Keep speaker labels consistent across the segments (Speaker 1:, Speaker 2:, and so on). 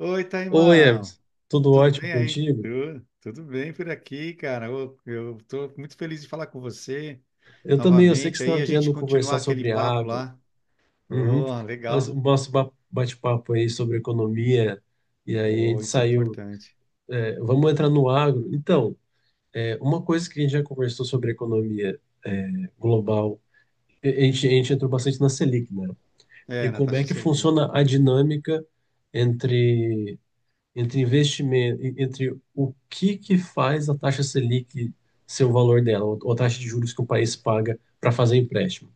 Speaker 1: Oi,
Speaker 2: Oi, Emerson.
Speaker 1: Taimão.
Speaker 2: Tudo
Speaker 1: Tudo
Speaker 2: ótimo
Speaker 1: bem aí?
Speaker 2: contigo?
Speaker 1: Tudo bem por aqui, cara. Eu tô muito feliz de falar com você
Speaker 2: Eu também, eu sei que você
Speaker 1: novamente. Aí
Speaker 2: estava
Speaker 1: a gente
Speaker 2: querendo
Speaker 1: continuar
Speaker 2: conversar
Speaker 1: aquele
Speaker 2: sobre
Speaker 1: papo
Speaker 2: agro.
Speaker 1: lá.
Speaker 2: Uhum.
Speaker 1: Oh,
Speaker 2: O
Speaker 1: legal.
Speaker 2: nosso bate-papo aí sobre economia, e aí a
Speaker 1: Oh,
Speaker 2: gente
Speaker 1: isso é
Speaker 2: saiu.
Speaker 1: importante.
Speaker 2: Vamos entrar no agro. Então, uma coisa que a gente já conversou sobre economia global, a gente entrou bastante na Selic, né?
Speaker 1: É,
Speaker 2: E como é
Speaker 1: Natasha
Speaker 2: que
Speaker 1: Selic.
Speaker 2: funciona a dinâmica entre entre investimento, entre o que que faz a taxa Selic ser o valor dela, ou a taxa de juros que o país paga para fazer empréstimo.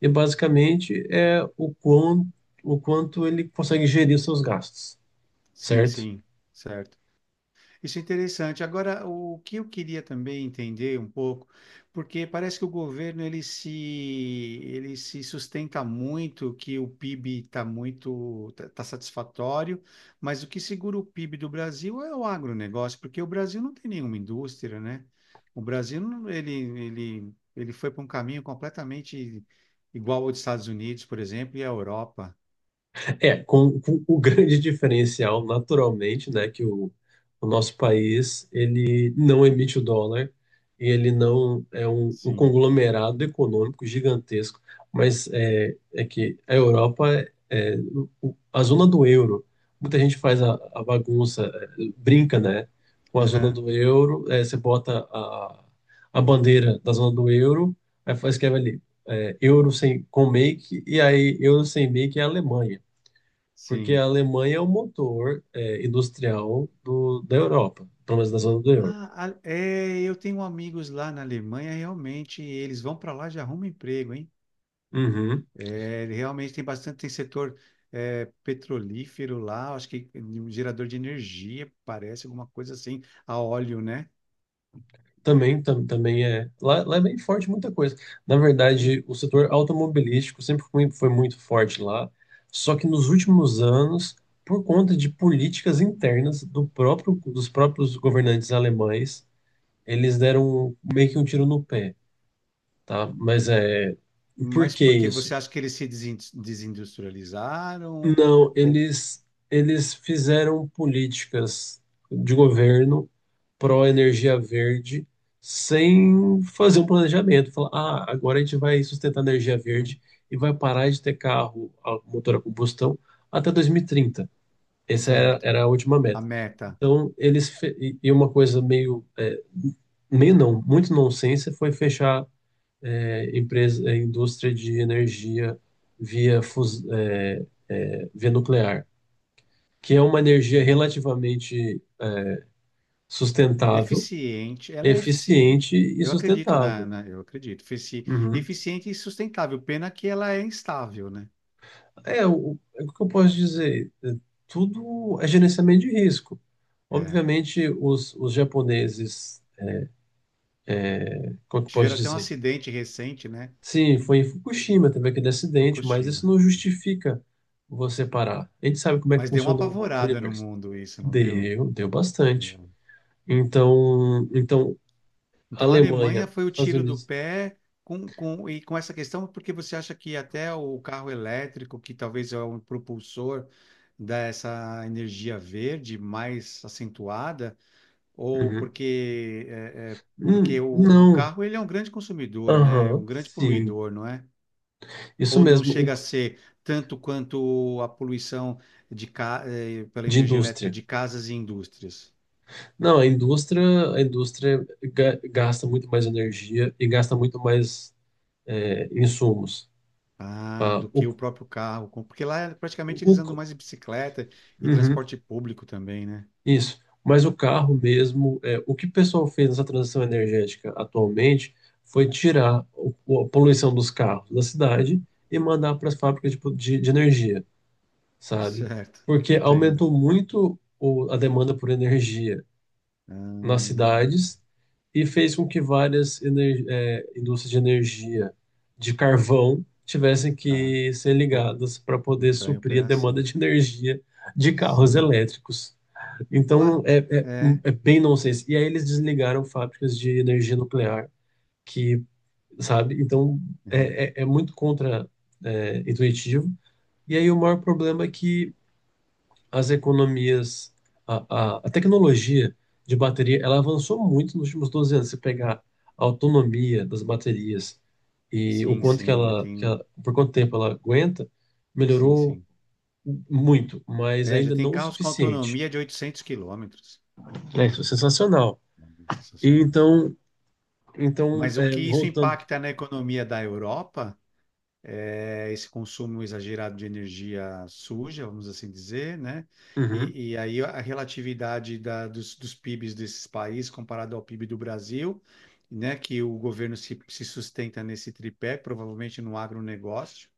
Speaker 2: E basicamente é o quão, o quanto ele consegue gerir os seus gastos,
Speaker 1: Sim,
Speaker 2: certo?
Speaker 1: sim, certo. Isso é interessante. Agora, o que eu queria também entender um pouco, porque parece que o governo ele se sustenta muito que o PIB está muito tá satisfatório, mas o que segura o PIB do Brasil é o agronegócio, porque o Brasil não tem nenhuma indústria, né? O Brasil ele ele foi para um caminho completamente igual ao dos Estados Unidos, por exemplo, e à Europa.
Speaker 2: É, com o grande diferencial, naturalmente, né, o nosso país ele não emite o dólar e ele não é um
Speaker 1: Sim.
Speaker 2: conglomerado econômico gigantesco, mas é que a Europa a zona do euro. Muita gente faz a bagunça, brinca, né, com a zona
Speaker 1: Aham.
Speaker 2: do euro. É, você bota a bandeira da zona do euro, aí faz escreve ali euro sem com make, e aí euro sem make é a Alemanha. Porque a
Speaker 1: Sim.
Speaker 2: Alemanha é o motor industrial da Europa, pelo menos da zona do euro.
Speaker 1: Ah, é, eu tenho amigos lá na Alemanha, realmente, eles vão para lá e já arrumam emprego, hein?
Speaker 2: Uhum.
Speaker 1: É, realmente tem bastante, tem setor petrolífero lá, acho que um gerador de energia, parece alguma coisa assim, a óleo, né?
Speaker 2: Também, também é. Lá é bem forte muita coisa. Na
Speaker 1: É,
Speaker 2: verdade, o setor automobilístico foi muito forte lá, só que nos últimos anos, por conta de políticas internas dos próprios governantes alemães, eles deram meio que um tiro no pé, tá? Mas é, por
Speaker 1: mas
Speaker 2: que
Speaker 1: porque
Speaker 2: isso?
Speaker 1: você acha que eles se desin- desindustrializaram?
Speaker 2: Não,
Speaker 1: Ou...
Speaker 2: eles fizeram políticas de governo pró-energia verde sem fazer um planejamento. Falar, ah, agora a gente vai sustentar a energia verde
Speaker 1: Ah,
Speaker 2: e vai parar de ter carro a motor a combustão até 2030.
Speaker 1: certo,
Speaker 2: Era a última
Speaker 1: a
Speaker 2: meta.
Speaker 1: meta.
Speaker 2: Então, eles... E e uma coisa meio... meio não, muito nonsense foi fechar empresa, indústria de energia via nuclear, que é uma energia
Speaker 1: Tá.
Speaker 2: relativamente sustentável,
Speaker 1: Eficiente, ela é eficiente.
Speaker 2: eficiente e
Speaker 1: Eu acredito
Speaker 2: sustentável.
Speaker 1: eu acredito.
Speaker 2: Uhum.
Speaker 1: Eficiente e sustentável, pena que ela é instável, né?
Speaker 2: É o que eu posso dizer? Tudo é gerenciamento de risco.
Speaker 1: É.
Speaker 2: Obviamente, os japoneses, como que eu posso
Speaker 1: Tiveram até um
Speaker 2: dizer?
Speaker 1: acidente recente, né?
Speaker 2: Sim, foi em Fukushima, teve aquele acidente, mas isso
Speaker 1: Fukushima.
Speaker 2: não justifica você parar. A gente sabe como é que
Speaker 1: Mas deu uma
Speaker 2: funciona o
Speaker 1: apavorada no
Speaker 2: universo.
Speaker 1: mundo isso, não deu?
Speaker 2: Deu bastante.
Speaker 1: Deu.
Speaker 2: Então, então
Speaker 1: Então a Alemanha
Speaker 2: Alemanha,
Speaker 1: foi o
Speaker 2: Estados
Speaker 1: tiro do
Speaker 2: Unidos.
Speaker 1: pé com essa questão, porque você acha que até o carro elétrico, que talvez é um propulsor dessa energia verde mais acentuada, ou
Speaker 2: Uhum.
Speaker 1: porque, porque o
Speaker 2: Não.
Speaker 1: carro ele é um grande consumidor, né? Um
Speaker 2: Aham,
Speaker 1: grande
Speaker 2: sim.
Speaker 1: poluidor, não é?
Speaker 2: Isso
Speaker 1: Ou não
Speaker 2: mesmo,
Speaker 1: chega a ser tanto quanto a poluição de, pela
Speaker 2: de
Speaker 1: energia elétrica
Speaker 2: indústria.
Speaker 1: de casas e indústrias?
Speaker 2: Não, a indústria gasta muito mais energia e gasta muito mais insumos.
Speaker 1: Ah,
Speaker 2: Ah,
Speaker 1: do que
Speaker 2: o,
Speaker 1: o próprio carro. Porque lá é praticamente eles andam
Speaker 2: o,
Speaker 1: mais de bicicleta e
Speaker 2: uhum.
Speaker 1: transporte público também, né?
Speaker 2: Isso, mas o carro mesmo, o que o pessoal fez nessa transição energética atualmente foi tirar a poluição dos carros da cidade e mandar para as fábricas de energia, sabe?
Speaker 1: Certo,
Speaker 2: Porque
Speaker 1: entendo.
Speaker 2: aumentou muito a demanda por energia
Speaker 1: Ah,
Speaker 2: nas cidades e fez com que várias indústrias de energia de carvão tivessem
Speaker 1: tá.
Speaker 2: que ser
Speaker 1: Ou
Speaker 2: ligadas para poder
Speaker 1: entrar em
Speaker 2: suprir a demanda
Speaker 1: operação.
Speaker 2: de energia de carros
Speaker 1: Sim.
Speaker 2: elétricos. Então
Speaker 1: Olá. É.
Speaker 2: é bem nonsense. E aí eles desligaram fábricas de energia nuclear, que, sabe? Então
Speaker 1: Uhum.
Speaker 2: é muito contra, intuitivo. E aí o maior problema é que as economias, a tecnologia de bateria, ela avançou muito nos últimos 12 anos. Se pegar a autonomia das baterias e o quanto que
Speaker 1: Sim, eu
Speaker 2: ela, que
Speaker 1: tenho.
Speaker 2: ela, por quanto tempo ela aguenta,
Speaker 1: Sim,
Speaker 2: melhorou
Speaker 1: sim.
Speaker 2: muito, mas
Speaker 1: É, já
Speaker 2: ainda
Speaker 1: tem
Speaker 2: não o
Speaker 1: carros com
Speaker 2: suficiente.
Speaker 1: autonomia de 800 quilômetros.
Speaker 2: É sensacional.
Speaker 1: É,
Speaker 2: E
Speaker 1: sensacional.
Speaker 2: então Então,
Speaker 1: Mas o que isso
Speaker 2: voltando.
Speaker 1: impacta na economia da Europa é esse consumo exagerado de energia suja, vamos assim dizer, né?
Speaker 2: Uhum,
Speaker 1: E aí a relatividade dos, dos PIBs desses países comparado ao PIB do Brasil, né? Que o governo se sustenta nesse tripé, provavelmente no agronegócio,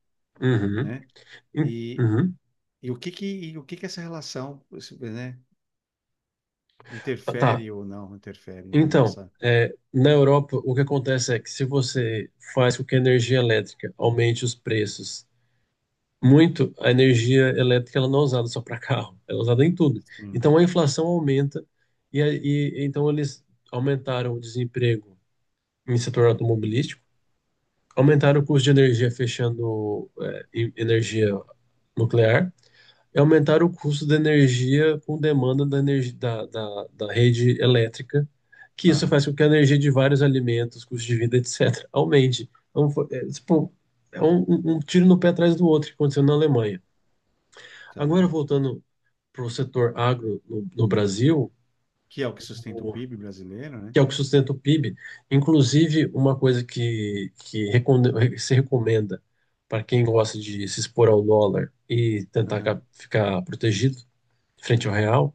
Speaker 2: uhum,
Speaker 1: né? E,
Speaker 2: uhum.
Speaker 1: e o que que essa relação, né?
Speaker 2: Tá.
Speaker 1: Interfere ou não interfere na
Speaker 2: Então,
Speaker 1: nossa...
Speaker 2: na Europa, o que acontece é que se você faz com que a energia elétrica aumente os preços muito, a energia elétrica ela não é usada só para carro, ela é usada em tudo.
Speaker 1: Sim.
Speaker 2: Então, a inflação aumenta e, e então eles aumentaram o desemprego em setor automobilístico, aumentaram o custo de energia fechando energia nuclear é aumentar o custo da energia com demanda da, energia, da, da, da rede elétrica, que isso
Speaker 1: Tá,
Speaker 2: faz com que a energia de vários alimentos, custo de vida, etc., aumente. Então, tipo, é um tiro no pé atrás do outro que aconteceu na Alemanha. Agora,
Speaker 1: tá.
Speaker 2: voltando para o setor agro no Brasil,
Speaker 1: Que é o que sustenta o
Speaker 2: o-
Speaker 1: PIB brasileiro, né?
Speaker 2: que é o que sustenta o PIB, inclusive uma coisa que se recomenda para quem gosta de se expor ao dólar e tentar
Speaker 1: Aham.
Speaker 2: ficar protegido frente ao real,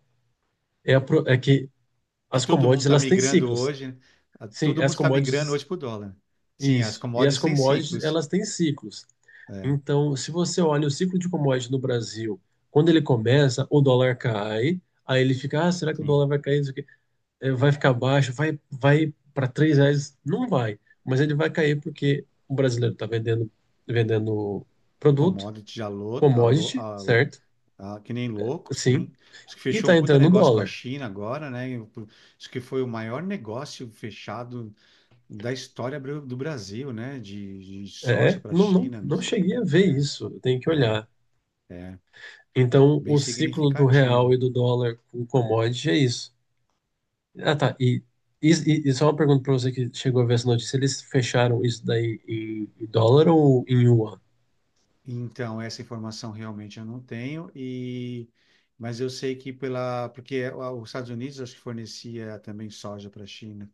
Speaker 2: é que
Speaker 1: Que
Speaker 2: as
Speaker 1: todo mundo
Speaker 2: commodities
Speaker 1: está
Speaker 2: elas têm
Speaker 1: migrando
Speaker 2: ciclos.
Speaker 1: hoje, né? Ah,
Speaker 2: Sim,
Speaker 1: todo
Speaker 2: as
Speaker 1: mundo está migrando
Speaker 2: commodities,
Speaker 1: hoje para o dólar. Sim, as
Speaker 2: isso. E as
Speaker 1: commodities têm
Speaker 2: commodities
Speaker 1: ciclos.
Speaker 2: elas têm ciclos.
Speaker 1: É,
Speaker 2: Então, se você olha o ciclo de commodities no Brasil, quando ele começa, o dólar cai, aí ele fica, ah, será que o
Speaker 1: sim.
Speaker 2: dólar vai cair? Isso aqui? Vai ficar baixo, vai para 3 reais? Não vai, mas ele vai cair porque o brasileiro está vendendo, vendendo produto,
Speaker 1: Commodity já louco,
Speaker 2: commodity, certo?
Speaker 1: que nem louco,
Speaker 2: Sim,
Speaker 1: sim. Acho que
Speaker 2: e
Speaker 1: fechou um
Speaker 2: está
Speaker 1: puta
Speaker 2: entrando
Speaker 1: negócio com a
Speaker 2: dólar.
Speaker 1: China agora, né? E o- Acho que foi o maior negócio fechado da história do Brasil, né? De soja
Speaker 2: É,
Speaker 1: para a China,
Speaker 2: não cheguei a ver isso, eu tenho que olhar. Então,
Speaker 1: bem
Speaker 2: o ciclo do real e
Speaker 1: significativo.
Speaker 2: do dólar com commodity é isso. Ah, tá. E só uma pergunta para você que chegou a ver essa notícia: eles fecharam isso daí em, em dólar ou em yuan?
Speaker 1: Então, essa informação realmente eu não tenho, e mas eu sei que pela porque é, os Estados Unidos acho que fornecia também soja para a China.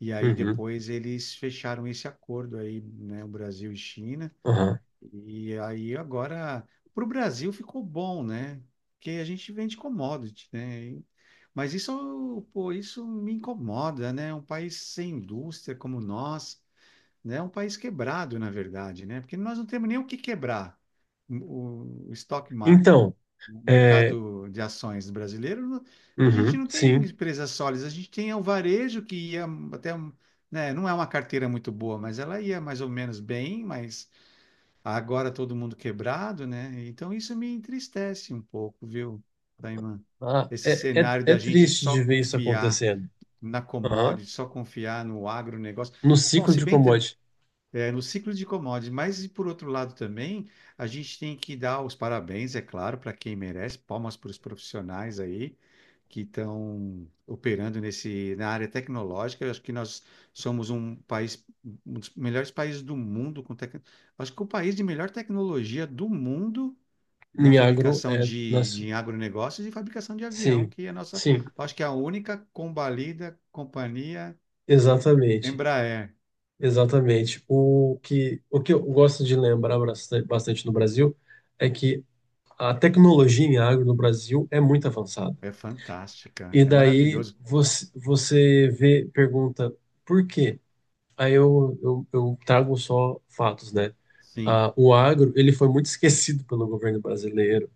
Speaker 1: E aí
Speaker 2: Uhum,
Speaker 1: depois eles fecharam esse acordo aí, né, o Brasil e China.
Speaker 2: aham.
Speaker 1: E aí agora para o Brasil ficou bom, né? Porque a gente vende commodity, né? E- Mas isso, pô, isso me incomoda, né? Um país sem indústria como nós, né? É um país quebrado, na verdade, né? Porque nós não temos nem o que quebrar. O o stock market,
Speaker 2: Então,
Speaker 1: o
Speaker 2: é,
Speaker 1: mercado de ações brasileiro, não- a gente
Speaker 2: uhum,
Speaker 1: não tem
Speaker 2: sim.
Speaker 1: empresas sólidas, a gente tem o varejo que ia até, um- né? Não é uma carteira muito boa, mas ela ia mais ou menos bem, mas agora todo mundo quebrado, né? Então isso me entristece um pouco, viu, Taiman?
Speaker 2: Ah,
Speaker 1: Esse cenário
Speaker 2: é
Speaker 1: da gente
Speaker 2: triste
Speaker 1: só
Speaker 2: de ver isso
Speaker 1: confiar
Speaker 2: acontecendo.
Speaker 1: na
Speaker 2: Aham.
Speaker 1: commodity, só confiar no agronegócio.
Speaker 2: No
Speaker 1: Bom,
Speaker 2: ciclo
Speaker 1: se
Speaker 2: de
Speaker 1: bem
Speaker 2: commodity,
Speaker 1: é, no ciclo de commodities, mas e por outro lado também, a gente tem que dar os parabéns, é claro, para quem merece, palmas para os profissionais aí que estão operando nesse, na área tecnológica. Eu acho que nós somos um país, um dos melhores países do mundo com tec... Acho que o país de melhor tecnologia do mundo na
Speaker 2: em agro,
Speaker 1: fabricação
Speaker 2: é.
Speaker 1: de,
Speaker 2: Nas
Speaker 1: de agronegócios e fabricação de avião,
Speaker 2: Sim,
Speaker 1: que é a nossa,
Speaker 2: sim,
Speaker 1: acho que é a única combalida companhia
Speaker 2: exatamente.
Speaker 1: Embraer.
Speaker 2: Exatamente. O que eu gosto de lembrar bastante no Brasil é que a tecnologia em agro no Brasil é muito avançada.
Speaker 1: É fantástica,
Speaker 2: E
Speaker 1: é
Speaker 2: daí
Speaker 1: maravilhoso.
Speaker 2: você, você vê, pergunta por quê? Aí eu trago só fatos, né?
Speaker 1: Sim.
Speaker 2: Ah, o agro, ele foi muito esquecido pelo governo brasileiro.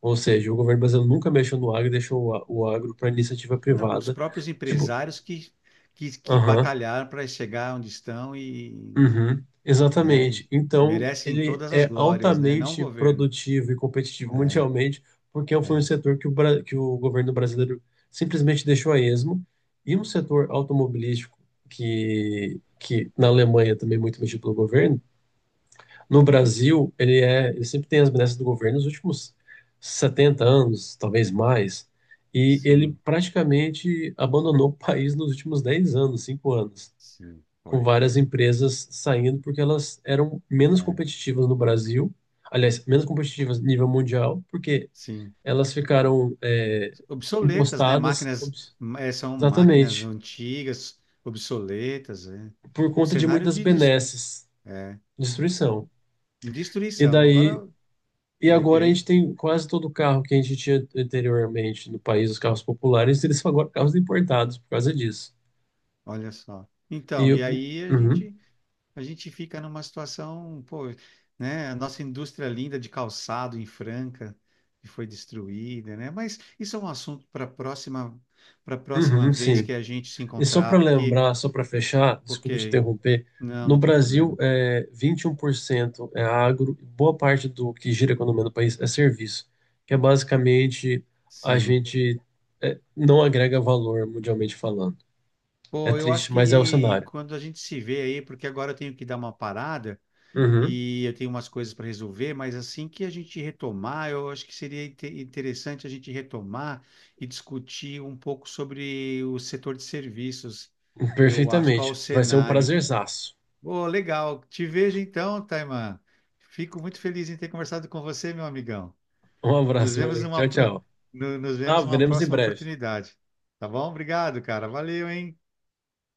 Speaker 2: Ou seja, o governo brasileiro nunca mexeu no agro e deixou o agro para iniciativa
Speaker 1: Não, os
Speaker 2: privada.
Speaker 1: próprios
Speaker 2: Tipo,
Speaker 1: empresários que
Speaker 2: aham.
Speaker 1: batalharam para chegar onde estão e,
Speaker 2: Uhum,
Speaker 1: né, e
Speaker 2: exatamente. Então,
Speaker 1: merecem
Speaker 2: ele
Speaker 1: todas as
Speaker 2: é
Speaker 1: glórias, né? Não o
Speaker 2: altamente
Speaker 1: governo.
Speaker 2: produtivo e competitivo
Speaker 1: É,
Speaker 2: mundialmente, porque foi um
Speaker 1: é,
Speaker 2: setor que que o governo brasileiro simplesmente deixou a esmo, e um setor automobilístico que na Alemanha também é muito mexido pelo governo, no Brasil, ele sempre tem as benesses do governo nos últimos 70 anos, talvez mais, e ele
Speaker 1: sim,
Speaker 2: praticamente abandonou o país nos últimos 10 anos, 5 anos,
Speaker 1: sim,
Speaker 2: com
Speaker 1: foi.
Speaker 2: várias empresas saindo porque elas eram menos
Speaker 1: É,
Speaker 2: competitivas no Brasil, aliás, menos competitivas nível mundial, porque
Speaker 1: sim.
Speaker 2: elas ficaram
Speaker 1: Obsoletas, né?
Speaker 2: encostadas,
Speaker 1: Máquinas,
Speaker 2: ups,
Speaker 1: é, são máquinas
Speaker 2: exatamente,
Speaker 1: antigas, obsoletas, é.
Speaker 2: por conta de
Speaker 1: Cenário
Speaker 2: muitas
Speaker 1: de des-
Speaker 2: benesses, destruição. E
Speaker 1: destruição.
Speaker 2: daí,
Speaker 1: Agora,
Speaker 2: e
Speaker 1: e
Speaker 2: agora a
Speaker 1: aí,
Speaker 2: gente tem quase todo o carro que a gente tinha anteriormente no país, os carros populares, eles são agora carros importados por causa disso.
Speaker 1: olha só.
Speaker 2: E
Speaker 1: Então, e
Speaker 2: o-
Speaker 1: aí
Speaker 2: uhum,
Speaker 1: a gente fica numa situação, pô, né? A nossa indústria linda de calçado em Franca que foi destruída, né? Mas isso é um assunto para próxima
Speaker 2: uhum,
Speaker 1: vez
Speaker 2: sim.
Speaker 1: que a gente se
Speaker 2: E só
Speaker 1: encontrar,
Speaker 2: para
Speaker 1: porque,
Speaker 2: lembrar, só para fechar, desculpa te
Speaker 1: ok,
Speaker 2: interromper,
Speaker 1: não,
Speaker 2: no
Speaker 1: não tem
Speaker 2: Brasil,
Speaker 1: problema.
Speaker 2: 21% é agro, e boa parte do que gira a economia do país é serviço, que é basicamente a
Speaker 1: Sim.
Speaker 2: gente não agrega valor mundialmente falando. É
Speaker 1: Pô, eu acho
Speaker 2: triste, mas é o
Speaker 1: que
Speaker 2: cenário.
Speaker 1: quando a gente se vê aí, porque agora eu tenho que dar uma parada,
Speaker 2: Uhum,
Speaker 1: e eu tenho umas coisas para resolver, mas assim que a gente retomar, eu acho que seria interessante a gente retomar e discutir um pouco sobre o setor de serviços. Eu acho qual o
Speaker 2: perfeitamente. Vai ser um
Speaker 1: cenário.
Speaker 2: prazerzaço.
Speaker 1: Oh, legal. Te vejo então, Taiman. Fico muito feliz em ter conversado com você, meu amigão.
Speaker 2: Um
Speaker 1: Nos
Speaker 2: abraço, meu
Speaker 1: vemos
Speaker 2: amigo. Tchau,
Speaker 1: numa,
Speaker 2: tchau.
Speaker 1: nos
Speaker 2: Ah,
Speaker 1: vemos numa
Speaker 2: veremos em
Speaker 1: próxima
Speaker 2: breve.
Speaker 1: oportunidade. Tá bom? Obrigado, cara. Valeu, hein?